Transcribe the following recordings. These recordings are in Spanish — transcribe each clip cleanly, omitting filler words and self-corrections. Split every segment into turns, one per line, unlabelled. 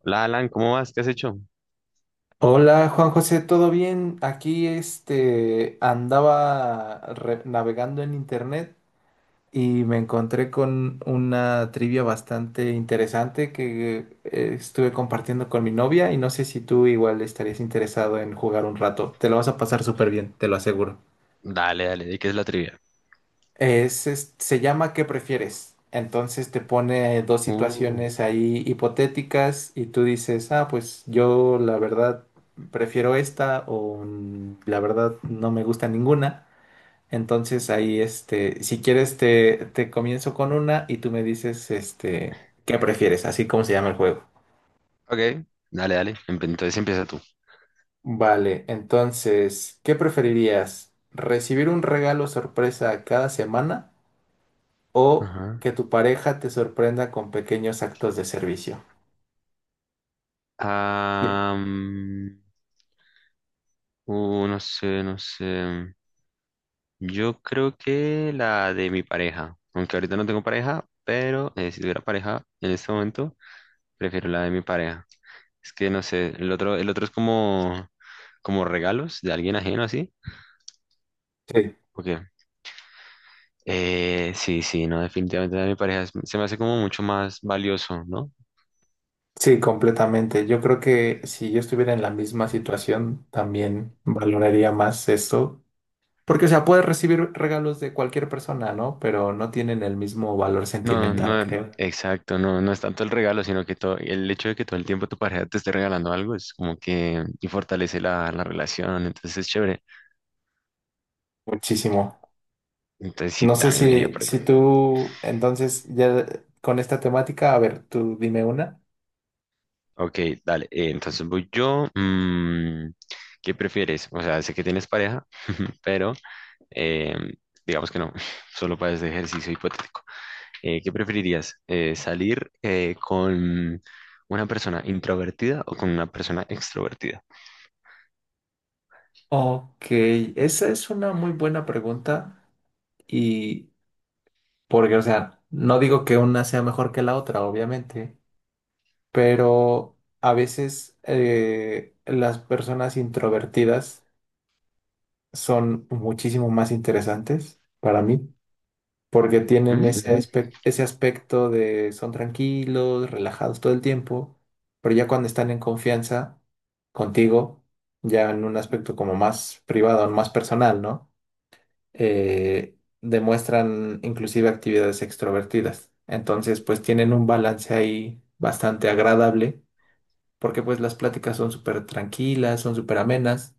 Hola Alan, ¿cómo vas? ¿Qué has hecho?
Hola Juan José, ¿todo bien? Aquí andaba navegando en internet y me encontré con una trivia bastante interesante que estuve compartiendo con mi novia y no sé si tú igual estarías interesado en jugar un rato. Te lo vas a pasar súper bien, te lo aseguro.
Dale, dale, ¿de qué es la trivia?
Se llama ¿qué prefieres? Entonces te pone dos
Uh,
situaciones ahí hipotéticas y tú dices, ah, pues yo la verdad prefiero esta o la verdad no me gusta ninguna. Entonces ahí, este, si quieres te comienzo con una y tú me dices, este, ¿qué prefieres? Así como se llama el juego.
ok, dale, dale. Entonces empieza tú.
Vale, entonces, ¿qué preferirías? ¿Recibir un regalo sorpresa cada semana o
Ajá.
que tu pareja te sorprenda con pequeños actos de servicio? Sí,
Am, no sé, no sé. Yo creo que la de mi pareja. Aunque ahorita no tengo pareja, pero si tuviera pareja en este momento, prefiero la de mi pareja. Es que no sé, el otro es como, como regalos de alguien ajeno así.
sí,
Ok. Sí, sí, no, definitivamente la de mi pareja se me hace como mucho más valioso, ¿no?
sí, completamente. Yo creo que si yo estuviera en la misma situación, también valoraría más esto. Porque, o sea, puedes recibir regalos de cualquier persona, ¿no? Pero no tienen el mismo valor
No,
sentimental,
no,
creo.
exacto, no, no es tanto el regalo, sino que todo, el hecho de que todo el tiempo tu pareja te esté regalando algo es como que y fortalece la relación, entonces es chévere.
Muchísimo.
Entonces sí,
No sé
también me iría
si,
por ahí.
si tú, entonces, ya con esta temática, a ver, tú dime una.
Ok, dale, entonces voy yo. ¿Qué prefieres? O sea, sé que tienes pareja, pero eh, digamos que no, solo para este ejercicio hipotético. ¿Qué preferirías? ¿Salir con una persona introvertida o con una persona extrovertida?
Ok, esa es una muy buena pregunta y, porque, o sea, no digo que una sea mejor que la otra, obviamente, pero a veces las personas introvertidas son muchísimo más interesantes para mí, porque tienen
Ujú.
ese aspecto de son tranquilos, relajados todo el tiempo, pero ya cuando están en confianza contigo, ya en un aspecto como más privado, más personal, ¿no? Demuestran inclusive actividades extrovertidas. Entonces, pues tienen un balance ahí bastante agradable, porque pues las pláticas son súper tranquilas, son súper amenas,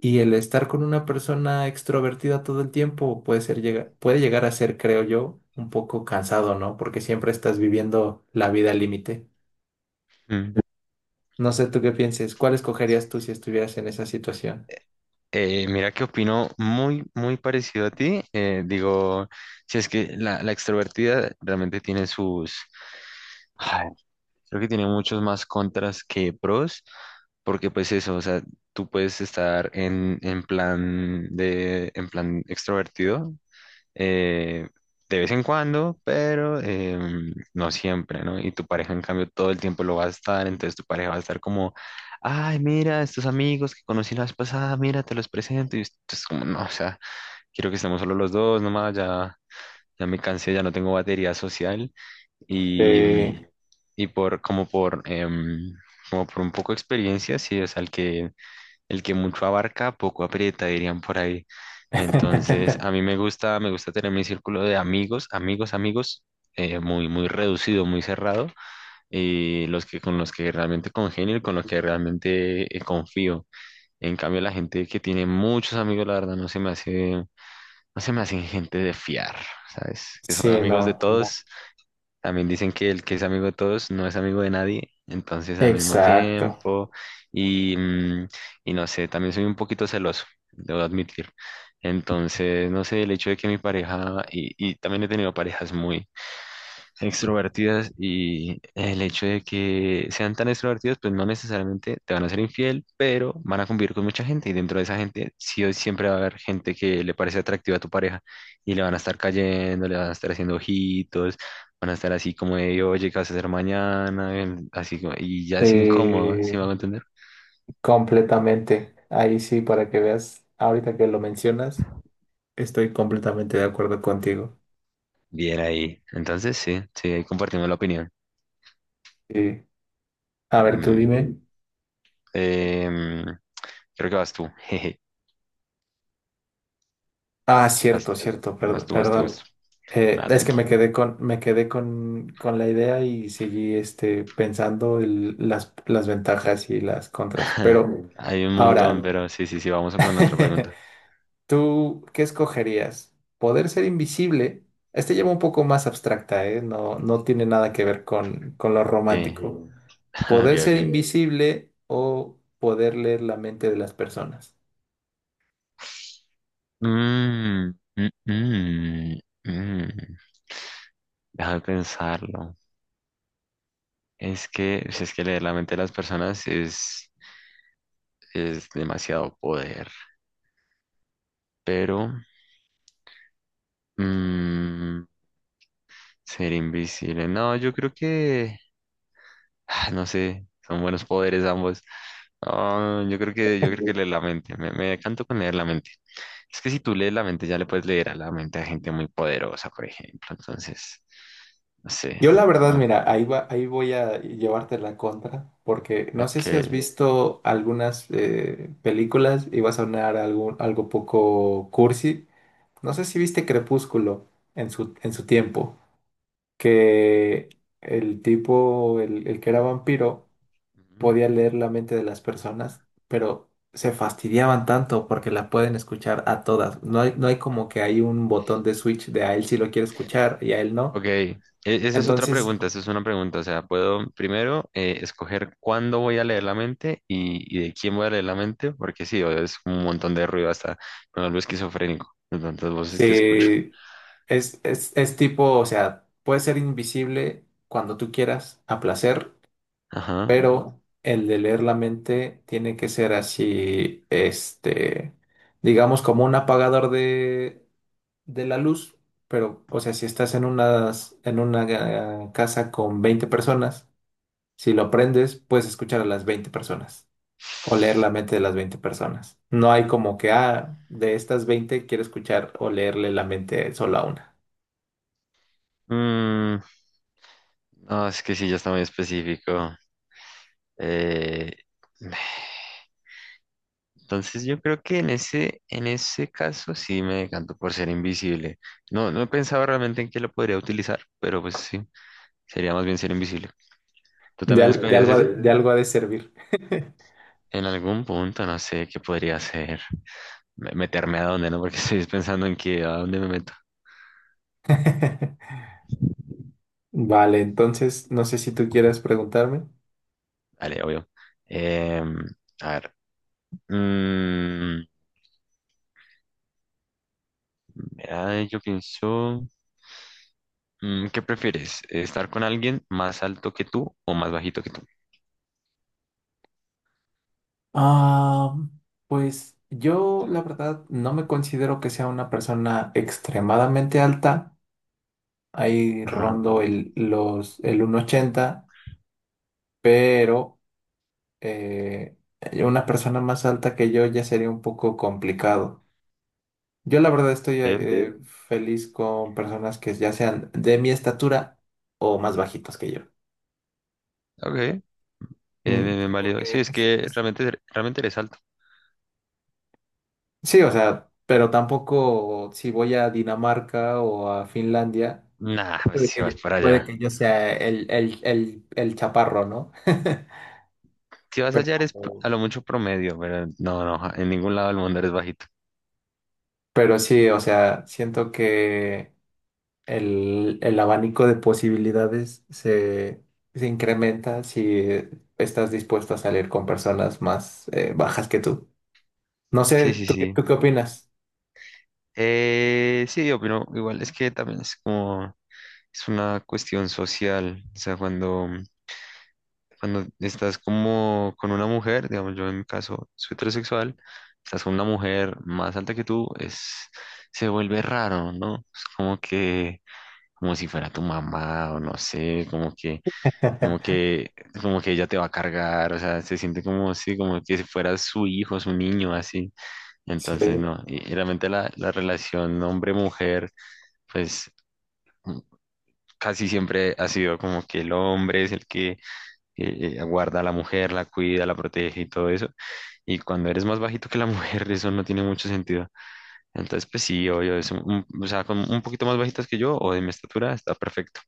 y el estar con una persona extrovertida todo el tiempo puede llegar a ser, creo yo, un poco cansado, ¿no? Porque siempre estás viviendo la vida al límite.
Ujú.
No sé tú qué pienses, ¿cuál escogerías tú si estuvieras en esa situación?
Mira que opino muy, muy parecido a ti. Digo, si es que la extrovertida realmente tiene sus, ay, creo que tiene muchos más contras que pros, porque pues eso, o sea, tú puedes estar en plan de, en plan extrovertido, eh, de vez en cuando, pero no siempre, ¿no? Y tu pareja, en cambio, todo el tiempo lo va a estar, entonces tu pareja va a estar como, ay, mira, estos amigos que conocí la vez pasada, mira, te los presento, y es como, no, o sea, quiero que estemos solo los dos, nomás, ya, ya me cansé, ya no tengo batería social, y, mm,
Sí.
y por, como por, como por un poco de experiencia, sí, o sea, el que mucho abarca, poco aprieta, dirían por ahí. Entonces, a mí me gusta tener mi círculo de amigos, amigos, amigos, muy, muy reducido, muy cerrado, y los que con los que realmente congenio y con los que realmente confío. En cambio, la gente que tiene muchos amigos, la verdad, no se me hacen gente de fiar, ¿sabes? Que son
Sí,
amigos de
no, como-
todos también dicen que el que es amigo de todos no es amigo de nadie, entonces al mismo
exacto.
tiempo, y, mm, y no sé, también soy un poquito celoso, debo admitir. Entonces, no sé, el hecho de que mi pareja, y también he tenido parejas muy, extrovertidas y el hecho de que sean tan extrovertidas, pues no necesariamente te van a ser infiel, pero van a convivir con mucha gente y dentro de esa gente sí o siempre va a haber gente que le parece atractiva a tu pareja y le van a estar cayendo, le van a estar haciendo ojitos, van a estar así como de, oye, ¿qué vas a hacer mañana? Así como, y ya
Sí,
es incómodo, ¿sí me hago entender?
completamente. Ahí sí, para que veas, ahorita que lo mencionas, estoy completamente de acuerdo contigo.
Bien ahí. Entonces sí, sí, ahí compartimos la opinión.
Sí. A ver, tú
Mm,
dime.
em, creo que vas tú, jeje,
Ah,
vas,
cierto, cierto,
vas
perdón,
tú, vas tú, vas
perdón.
tú. Nada,
Es que
tranqui.
con la idea y seguí pensando las ventajas y las contras. Pero
Hay un montón,
ahora,
pero sí, sí, sí, vamos a con otra pregunta.
¿tú qué escogerías? ¿Poder ser invisible? Este lleva un poco más abstracta, ¿eh? No, no tiene nada que ver con lo
Okay.
romántico.
Ok,
¿Poder
ok,
ser
ok.
invisible o poder leer la mente de las personas?
Mm, mm, mm, mm. Deja de pensarlo. Es que, si es que leer la mente de las personas es demasiado poder, pero mm, ser invisible. No, yo creo que, no sé, son buenos poderes ambos. Ah, yo creo que leer la mente. Me canto con leer la mente. Es que si tú lees la mente, ya le puedes leer a la mente a gente muy poderosa, por ejemplo. Entonces, no sé.
Yo la verdad,
como-
mira, ahí va, ahí voy a llevarte la contra, porque no sé
Ok.
si has visto algunas películas, iba a sonar algún, algo poco cursi. No sé si viste Crepúsculo en en su tiempo, que el tipo, el que era vampiro,
Ujú.
podía leer la mente de las personas, pero se fastidiaban tanto porque la pueden escuchar a todas. No hay como que hay un botón de switch de a él sí lo quiere escuchar y a él no.
Ok. Esa es otra
Entonces,
pregunta. Esa es una pregunta. O sea, puedo primero escoger cuándo voy a leer la mente y de quién voy a leer la mente, porque sí, es un montón de ruido hasta con algo esquizofrénico. De Tantas voces que escucho.
sí, es tipo, o sea, puede ser invisible cuando tú quieras, a placer,
Ajá.
pero el de leer la mente tiene que ser así, este, digamos, como un apagador de la luz, pero, o sea, si estás en una casa con 20 personas, si lo aprendes, puedes escuchar a las 20 personas o leer la mente de las 20 personas. No hay como que, ah, de estas 20 quiero escuchar o leerle la mente solo a una.
Mm, no, es que sí, ya está muy específico. Eh, entonces yo creo que en ese caso sí me decanto por ser invisible. No, no he pensado realmente en qué lo podría utilizar, pero pues sí, sería más bien ser invisible. ¿Tú también
De
escogerías
algo,
ese?
de algo ha de servir.
En algún punto, no sé qué podría hacer. Meterme a dónde, ¿no? Porque estoy pensando en que a dónde me meto.
Vale, entonces, no sé si tú quieres preguntarme.
Vale, obvio. Em, a ver. mm, mira, yo pienso, ¿qué prefieres? ¿Estar con alguien más alto que tú o más bajito que tú?
Ah, pues yo, la verdad, no me considero que sea una persona extremadamente alta. Ahí
Ajá.
rondo el 1,80, pero eh, una persona más alta que yo ya sería un poco complicado. Yo la verdad estoy
Sí.
sí. Feliz con personas que ya sean de mi estatura o más bajitos que yo.
Ok. Bien,
Mm,
bien, bien
sí,
válido. Sí,
porque
es que realmente, realmente eres alto.
sí, o sea, pero tampoco si voy a Dinamarca o a Finlandia,
Nah, pues
puede
si
que yo,
vas para
puede
allá.
que yo sea el chaparro, ¿no?
Si vas allá eres a lo mucho promedio, pero no, no, ja, en ningún lado del mundo eres bajito.
Pero sí, o sea, siento que el abanico de posibilidades se incrementa si estás dispuesto a salir con personas más bajas que tú. No sé,
Sí, sí, sí.
¿tú qué opinas?
Sí, yo opino igual, es que también es como, es una cuestión social. O sea, cuando estás como con una mujer, digamos, yo en mi caso soy heterosexual, estás con una mujer más alta que tú, es, se vuelve raro, ¿no? Es como que, como si fuera tu mamá o no sé, como que como que, como que ella te va a cargar, o sea, se siente como si, como que si fuera su hijo, su niño, así. Entonces,
Sí.
no, y realmente la relación hombre-mujer, pues mm, casi siempre ha sido como que el hombre es el que guarda a la mujer, la cuida, la protege y todo eso. Y cuando eres más bajito que la mujer, eso no tiene mucho sentido. Entonces, pues sí, obvio, o sea, con un poquito más bajitas que yo o de mi estatura, está perfecto.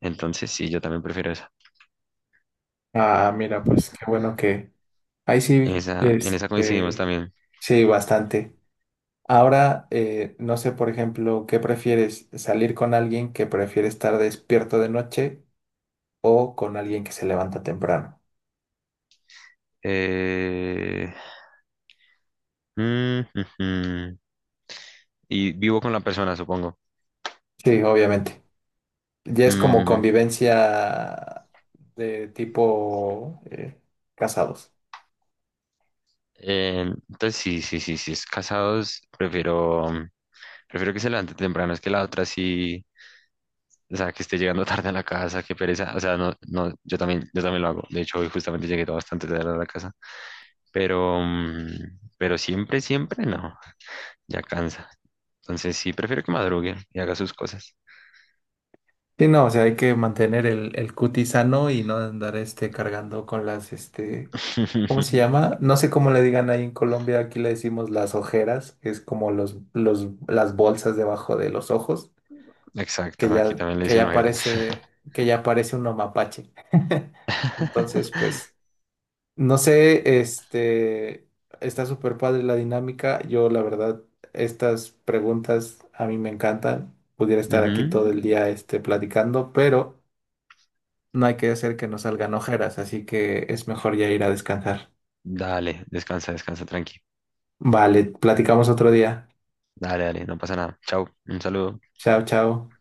Entonces, sí, yo también prefiero esa.
Ah, mira, pues qué bueno que... Ahí sí,
Esa, en esa coincidimos
este...
también.
Sí, bastante. Ahora, no sé, por ejemplo, ¿qué prefieres? ¿Salir con alguien que prefiere estar despierto de noche o con alguien que se levanta temprano?
Eh, ujú. Y vivo con la persona, supongo.
Sí, obviamente. Ya es como
Mm,
convivencia de tipo casados.
entonces, sí, sí, sí, sí, es casados, prefiero, prefiero que se levante temprano, es que la otra sí, o sea, que esté llegando tarde a la casa, que pereza, o sea, no, no, yo también lo hago, de hecho, hoy justamente llegué bastante tarde a la casa, pero, pero siempre, siempre no, ya cansa. Entonces sí, prefiero que madrugue y haga sus cosas.
Sí, no, o sea, hay que mantener el cutis sano y no andar este cargando con las, este, ¿cómo se llama? No sé cómo le digan ahí en Colombia, aquí le decimos las ojeras, que es como las bolsas debajo de los ojos, que
Exacto, aquí
ya,
también le dicen ojeras.
que ya parece un mapache. Entonces, pues. No sé, este, está súper padre la dinámica. Yo, la verdad, estas preguntas a mí me encantan. Pudiera estar aquí
Ujú.
todo el día, este, platicando, pero no hay que hacer que nos salgan ojeras, así que es mejor ya ir a descansar.
Dale, descansa, descansa, tranqui.
Vale, platicamos otro día.
Dale, dale, no pasa nada. Chao, un saludo.
Chao, chao.